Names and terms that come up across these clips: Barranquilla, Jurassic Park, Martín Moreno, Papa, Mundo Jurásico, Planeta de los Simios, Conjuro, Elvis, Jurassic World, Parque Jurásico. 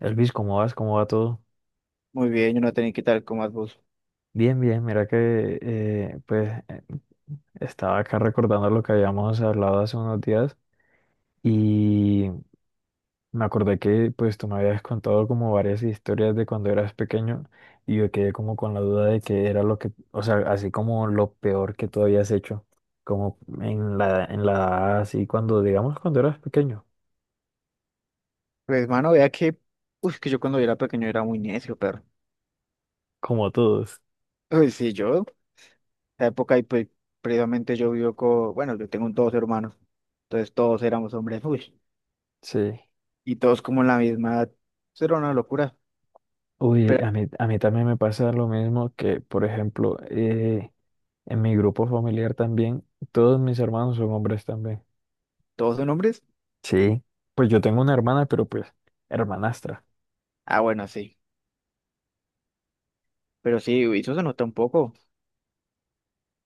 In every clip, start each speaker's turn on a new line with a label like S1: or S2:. S1: Elvis, ¿cómo vas? ¿Cómo va todo?
S2: Muy bien, yo no tenía que tal como vos.
S1: Bien, bien, mira que pues estaba acá recordando lo que habíamos hablado hace unos días y me acordé que pues tú me habías contado como varias historias de cuando eras pequeño. Y yo quedé como con la duda de qué era lo que, o sea, así como lo peor que tú habías hecho, como en la edad así cuando, digamos, cuando eras pequeño,
S2: Pues, mano, vea que yo cuando era pequeño era muy necio, pero,
S1: como todos.
S2: uy, sí, yo, la época, y pues, previamente yo vivo con, bueno, yo tengo dos hermanos, entonces todos éramos hombres, uy,
S1: Sí.
S2: y todos como en la misma edad, eso era una locura,
S1: Uy,
S2: pero,
S1: a mí también me pasa lo mismo que, por ejemplo, en mi grupo familiar también, todos mis hermanos son hombres también.
S2: ¿todos son hombres?
S1: Sí, pues yo tengo una hermana, pero pues hermanastra.
S2: Ah, bueno, sí, pero sí, uy, eso se nota un poco,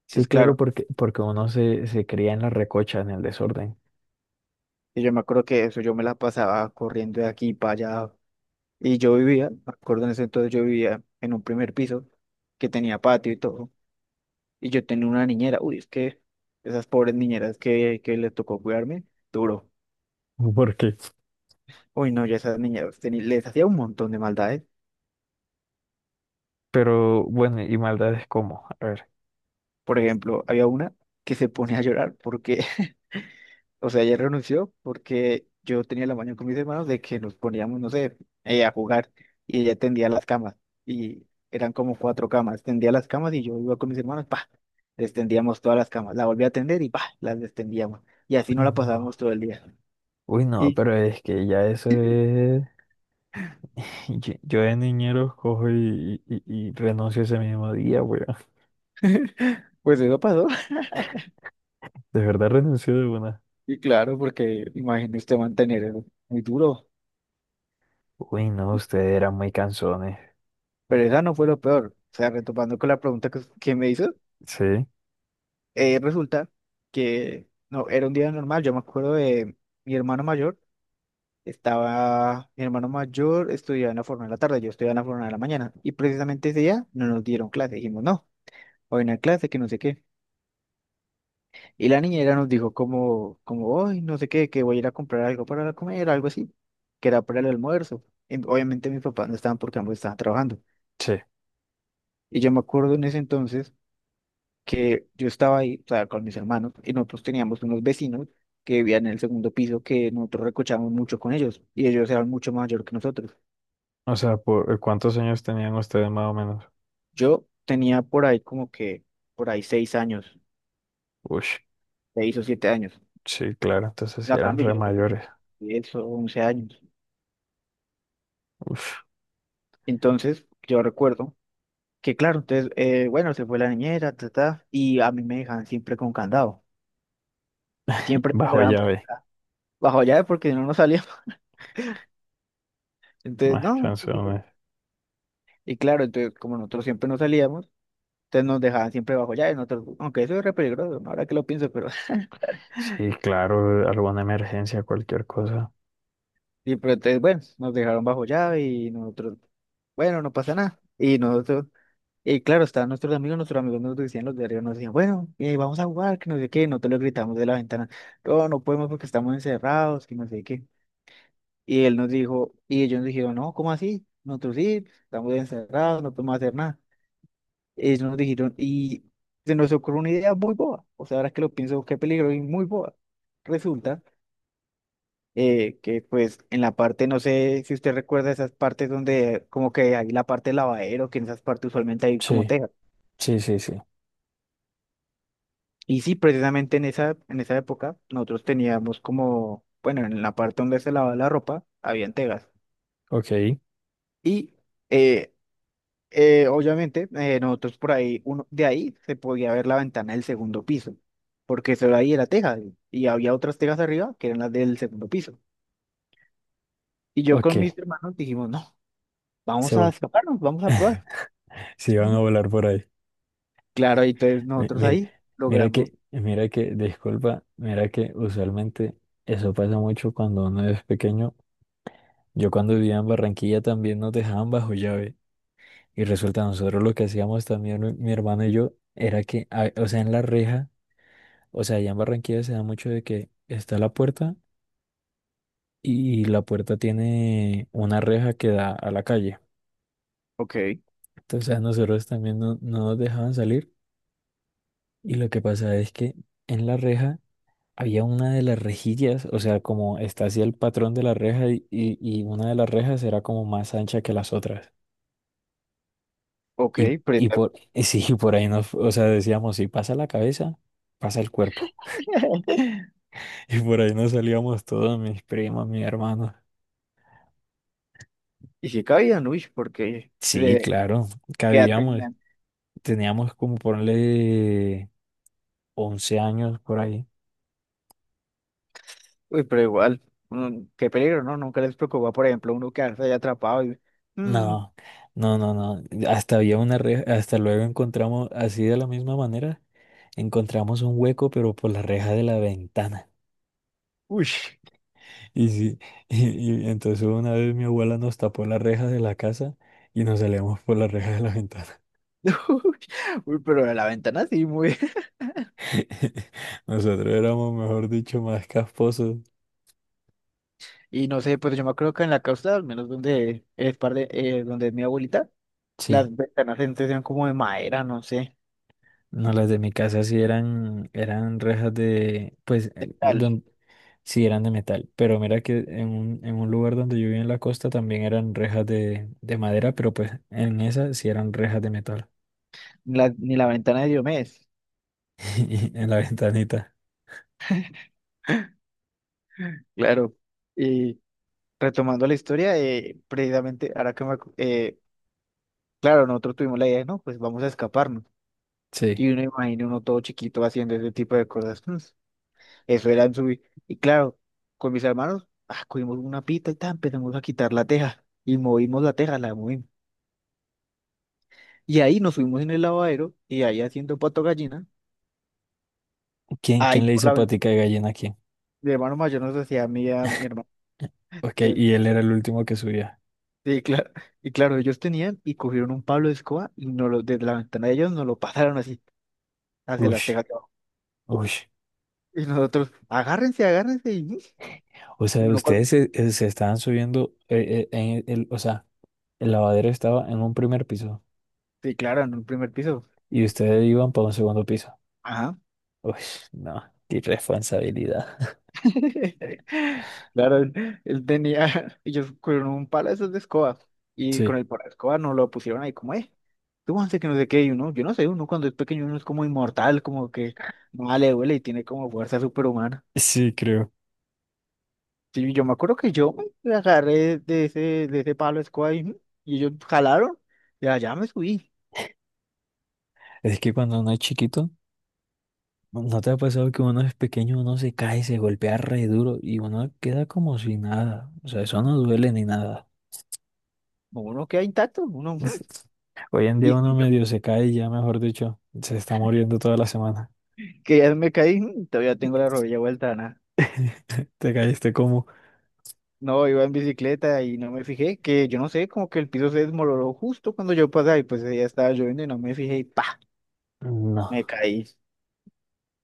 S1: Sí,
S2: entonces,
S1: claro,
S2: claro,
S1: porque, porque uno se cría en la recocha, en el desorden.
S2: y yo me acuerdo que eso, yo me la pasaba corriendo de aquí para allá, y yo vivía, me acuerdo en ese entonces yo vivía en un primer piso, que tenía patio y todo. Y yo tenía una niñera. Uy, es que esas pobres niñeras que les tocó cuidarme, duro.
S1: porque
S2: Uy, no, ya esas niñeras les hacía un montón de maldades.
S1: pero bueno, ¿y maldades cómo? A ver.
S2: Por ejemplo, había una que se ponía a llorar porque, o sea, ella renunció porque yo tenía la mañana con mis hermanos de que nos poníamos, no sé, a jugar y ella tendía las camas. Y eran como cuatro camas. Tendía las camas y yo iba con mis hermanos, pa, destendíamos todas las camas. La volví a tender y pa, las destendíamos. Y así no
S1: Uy,
S2: la
S1: no.
S2: pasábamos todo el día.
S1: Uy, no,
S2: Y
S1: pero es que ya eso es... Yo de niñero cojo y renuncio ese mismo día, weón.
S2: pues eso pasó.
S1: De verdad renuncio de una.
S2: Y claro, porque imagínese mantener eso, muy duro.
S1: Uy, no, ustedes eran muy cansones.
S2: Pero esa no fue lo peor. O sea, retomando con la pregunta que me hizo,
S1: Sí.
S2: resulta que no, era un día normal. Yo me acuerdo de mi hermano mayor, estaba, mi hermano mayor estudiaba en la forma de la tarde, yo estudiaba en la forma de la mañana. Y precisamente ese día no nos dieron clase. Dijimos, no, hoy no hay clase, que no sé qué. Y la niñera nos dijo como, hoy no sé qué, que voy a ir a comprar algo para comer, algo así, que era para el almuerzo. Y obviamente mis papás no estaban porque ambos estaban trabajando.
S1: Sí.
S2: Y yo me acuerdo en ese entonces que yo estaba ahí, o sea, con mis hermanos, y nosotros teníamos unos vecinos que vivían en el segundo piso que nosotros recochábamos mucho con ellos, y ellos eran mucho mayor que nosotros.
S1: O sea, ¿por cuántos años tenían ustedes más o menos?
S2: Yo tenía por ahí como que, por ahí 6 años,
S1: Ush,
S2: 6 o 7 años.
S1: sí, claro, entonces sí
S2: A
S1: eran
S2: cambio,
S1: re
S2: yo ya tenía
S1: mayores.
S2: 10 u 11 años.
S1: Uf,
S2: Entonces, yo recuerdo que, claro, entonces, bueno, se fue la niñera, ta, ta, y a mí me dejaban siempre con candado. Siempre me
S1: bajo
S2: dejaban pues,
S1: llave,
S2: bajo llave porque si no nos salíamos. Entonces,
S1: más
S2: no.
S1: canciones.
S2: Y claro, entonces como nosotros siempre nos salíamos, entonces nos dejaban siempre bajo llave, nosotros, aunque eso es re peligroso, ¿no? Ahora que lo pienso, pero
S1: Sí, claro, alguna emergencia, cualquier cosa.
S2: sí, pero entonces bueno, nos dejaron bajo llave y nosotros, bueno, no pasa nada. Y nosotros, y claro, estaban nuestros amigos nos decían los de arriba, nos decían, bueno, vamos a jugar, que no sé qué, nosotros le gritamos de la ventana, no, no podemos porque estamos encerrados, que no sé qué. Y él nos dijo, y ellos nos dijeron, no, ¿cómo así? Nosotros sí, estamos encerrados, no podemos hacer nada. Ellos nos dijeron, y se nos ocurrió una idea muy boba. O sea, ahora que lo pienso, qué peligro y muy boba. Resulta que, pues, en la parte, no sé si usted recuerda esas partes donde, como que hay la parte del lavadero, que en esas partes usualmente hay como
S1: Sí,
S2: tejas.
S1: sí.
S2: Y sí, precisamente en esa época, nosotros teníamos como, bueno, en la parte donde se lavaba la ropa, habían tejas.
S1: Ok,
S2: Y eh, obviamente, nosotros por ahí, uno, de ahí se podía ver la ventana del segundo piso, porque solo ahí era teja y había otras tejas arriba que eran las del segundo piso. Y yo con
S1: ok,
S2: mis hermanos dijimos, no,
S1: se
S2: vamos a
S1: va.
S2: escaparnos, vamos a probar.
S1: Sí, van a volar por ahí.
S2: Claro, y entonces nosotros
S1: Mire,
S2: ahí logramos,
S1: disculpa, mira que usualmente eso pasa mucho cuando uno es pequeño. Yo cuando vivía en Barranquilla también nos dejaban bajo llave. Y resulta, nosotros lo que hacíamos también, mi hermano y yo, era que, o sea, en la reja, o sea, allá en Barranquilla se da mucho de que está la puerta y la puerta tiene una reja que da a la calle.
S2: ok,
S1: Entonces a nosotros también no nos dejaban salir. Y lo que pasa es que en la reja había una de las rejillas, o sea, como está así el patrón de la reja y una de las rejas era como más ancha que las otras.
S2: ok, pero está
S1: Y sí, por ahí nos, o sea, decíamos, si pasa la cabeza, pasa el cuerpo.
S2: bien.
S1: Y por ahí nos salíamos todos, mis primos, mis hermanos.
S2: Y si cabían, uy, porque
S1: Sí,
S2: de
S1: claro,
S2: qué edad
S1: cabíamos.
S2: tenían,
S1: Teníamos como ponerle 11 años por ahí.
S2: uy, pero igual, qué peligro, ¿no? Nunca les preocupaba, por ejemplo, uno quedarse ahí atrapado y, mm,
S1: No, no, no, no. Hasta había una reja, hasta luego encontramos, así de la misma manera, encontramos un hueco, pero por la reja de la ventana.
S2: uy.
S1: Y sí, y entonces una vez mi abuela nos tapó la reja de la casa y nos salíamos por la reja de la ventana.
S2: Uy, uy, pero de la ventana sí, muy.
S1: Nosotros éramos, mejor dicho, más casposos.
S2: Y no sé, pues yo me acuerdo que en la costa, al menos donde es par de, donde es mi abuelita,
S1: Sí.
S2: las ventanas antes eran como de madera, no sé,
S1: No, las de mi casa sí eran, eran rejas de, pues,
S2: de tal.
S1: sí eran de metal, pero mira que en en un lugar donde yo vivía en la costa también eran rejas de madera, pero pues en esa sí eran rejas de metal,
S2: La- ni la ventana de Diomedes,
S1: en la ventanita.
S2: claro. Y retomando la historia, precisamente ahora que claro, nosotros tuvimos la idea, ¿no? Pues vamos a escaparnos.
S1: Sí.
S2: Y uno imagina uno todo chiquito haciendo ese tipo de cosas. Eso era subir. Y claro, con mis hermanos, ah, cogimos una pita y tal, empezamos a quitar la teja. Y movimos la teja, la movimos. Y ahí nos fuimos en el lavadero y ahí haciendo pato gallina.
S1: ¿Quién,
S2: Ahí
S1: quién le
S2: por
S1: hizo
S2: la ven-
S1: patica de gallina a quién?
S2: Mi hermano mayor nos decía a mí, y a mi hermano.
S1: Ok,
S2: Entonces,
S1: y él era el último que subía.
S2: sí, claro. Y claro, ellos tenían y cogieron un pablo de escoba y nos lo, desde la ventana de ellos nos lo pasaron así, hacia las
S1: Ush,
S2: tejas de abajo.
S1: ush.
S2: Y nosotros, agárrense, agárrense. Y
S1: O sea,
S2: uno cuando,
S1: ustedes se, se estaban subiendo, en o sea, el lavadero estaba en un primer piso
S2: sí, claro, en un primer piso.
S1: y ustedes iban para un segundo piso.
S2: Ajá.
S1: Uy, no, qué irresponsabilidad.
S2: Claro, él tenía, ellos cogieron un palo de esos de escoba y con
S1: Sí,
S2: el palo de escoba nos lo pusieron ahí como, tú antes que no sé qué, y uno, yo no sé, uno cuando es pequeño uno es como inmortal, como que no le duele y tiene como fuerza superhumana.
S1: sí, creo.
S2: Sí, yo me acuerdo que yo me agarré de ese palo de escoba y ellos jalaron y allá me subí.
S1: Es que cuando uno es chiquito, no te ha pasado que uno es pequeño, uno se cae, se golpea re duro y uno queda como si nada? O sea, eso no duele ni nada.
S2: Uno queda intacto, uno,
S1: Hoy en día
S2: y,
S1: uno
S2: y yo
S1: medio se cae y ya, mejor dicho, se está muriendo toda la semana.
S2: que ya me caí, todavía tengo la rodilla vuelta,
S1: Te caíste como...
S2: no, iba en bicicleta y no me fijé, que yo no sé, como que el piso se desmoronó justo cuando yo pasé y pues ya estaba lloviendo y no me fijé y pa,
S1: No,
S2: me caí.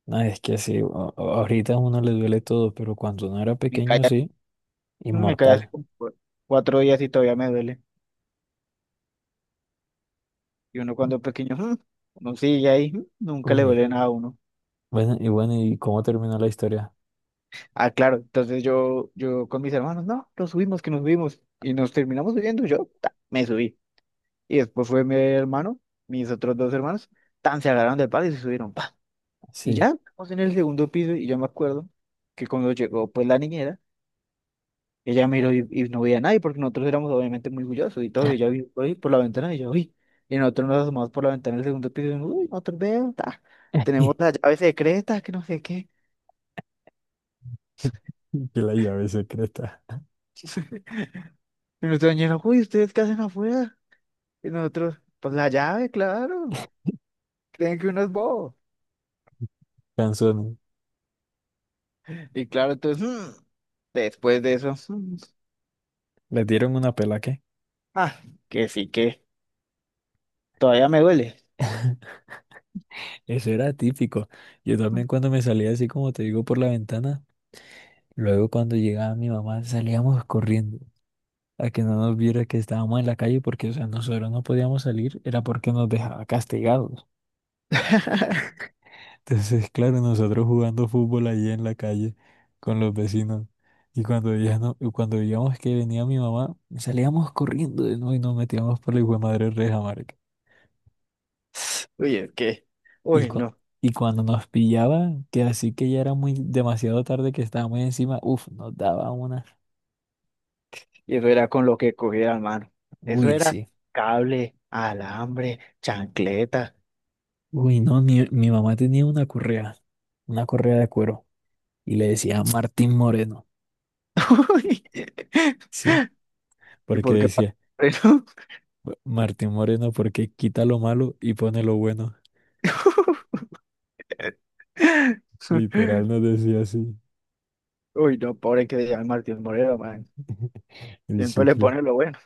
S1: no, es que sí, ahorita a uno le duele todo, pero cuando uno era
S2: Me caí,
S1: pequeño, sí,
S2: me caí hace
S1: inmortal.
S2: como 4 días y todavía me duele. Y uno cuando es pequeño, uno sigue ahí, nunca le
S1: Uy.
S2: duele nada a uno.
S1: Bueno, y bueno, ¿y cómo terminó la historia?
S2: Ah, claro, entonces yo con mis hermanos, no, nos subimos, que nos subimos. Y nos terminamos subiendo, yo ta, me subí. Y después fue mi hermano, mis otros dos hermanos, tan se agarraron del palo y se subieron. Y ya,
S1: Sí.
S2: estamos en el segundo piso y yo me acuerdo que cuando llegó pues la niñera, ella miró y no veía a nadie porque nosotros éramos obviamente muy orgullosos y todo, y ella vio ahí por la ventana y yo, uy, y nosotros nos asomamos por la ventana del segundo piso y uy, nosotros vemos, ta, tenemos las llaves secretas, que no sé qué.
S1: Que la llave secreta.
S2: Y nuestra niñera, uy, ¿ustedes qué hacen afuera? Y nosotros, pues la llave, claro, creen que uno es bobo.
S1: Canzón.
S2: Y claro, entonces, después de eso,
S1: Le dieron una pela qué.
S2: ah, que sí que todavía me duele.
S1: Eso era típico. Yo también cuando me salía así como te digo por la ventana, luego cuando llegaba mi mamá salíamos corriendo a que no nos viera que estábamos en la calle porque, o sea, nosotros no podíamos salir, era porque nos dejaba castigados. Entonces, claro, nosotros jugando fútbol ahí en la calle con los vecinos. Y cuando veíamos que venía mi mamá, salíamos corriendo de nuevo y nos metíamos por la hijo de madre reja, marica.
S2: Uy, es que,
S1: Y,
S2: uy,
S1: cu-
S2: no.
S1: y cuando nos pillaban, que así que ya era muy demasiado tarde que estábamos encima, uff, nos daba una.
S2: Y eso era con lo que cogía hermano. Eso
S1: Uy,
S2: era
S1: sí.
S2: cable, alambre, chancleta.
S1: Uy, no, mi mamá tenía una correa de cuero, y le decía Martín Moreno.
S2: Uy,
S1: Sí,
S2: ¿y
S1: porque
S2: por qué? Pa-
S1: decía:
S2: Pero-
S1: Martín Moreno porque quita lo malo y pone lo bueno." Literal nos decía así.
S2: Uy, no, pobre que se llama Martín Moreno, man.
S1: El
S2: Siempre le
S1: chicle.
S2: pone lo bueno.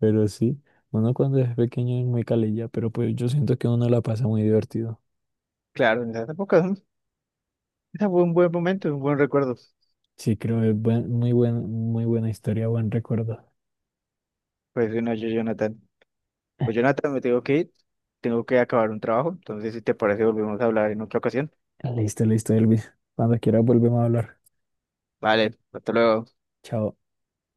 S1: Pero sí, uno cuando es pequeño es muy calilla, pero pues yo siento que uno la pasa muy divertido.
S2: Claro, en esa época, ¿no? Ese fue un buen momento, un buen recuerdo.
S1: Sí, creo que es muy buen, muy buena historia, buen recuerdo.
S2: Pues sí, no, yo, Jonathan. Pues Jonathan, me tengo que ir. Tengo que acabar un trabajo. Entonces, si te parece, volvemos a hablar en otra ocasión.
S1: Listo, listo, Elvis. Cuando quiera volvemos a hablar.
S2: Vale, hasta luego.
S1: Chao.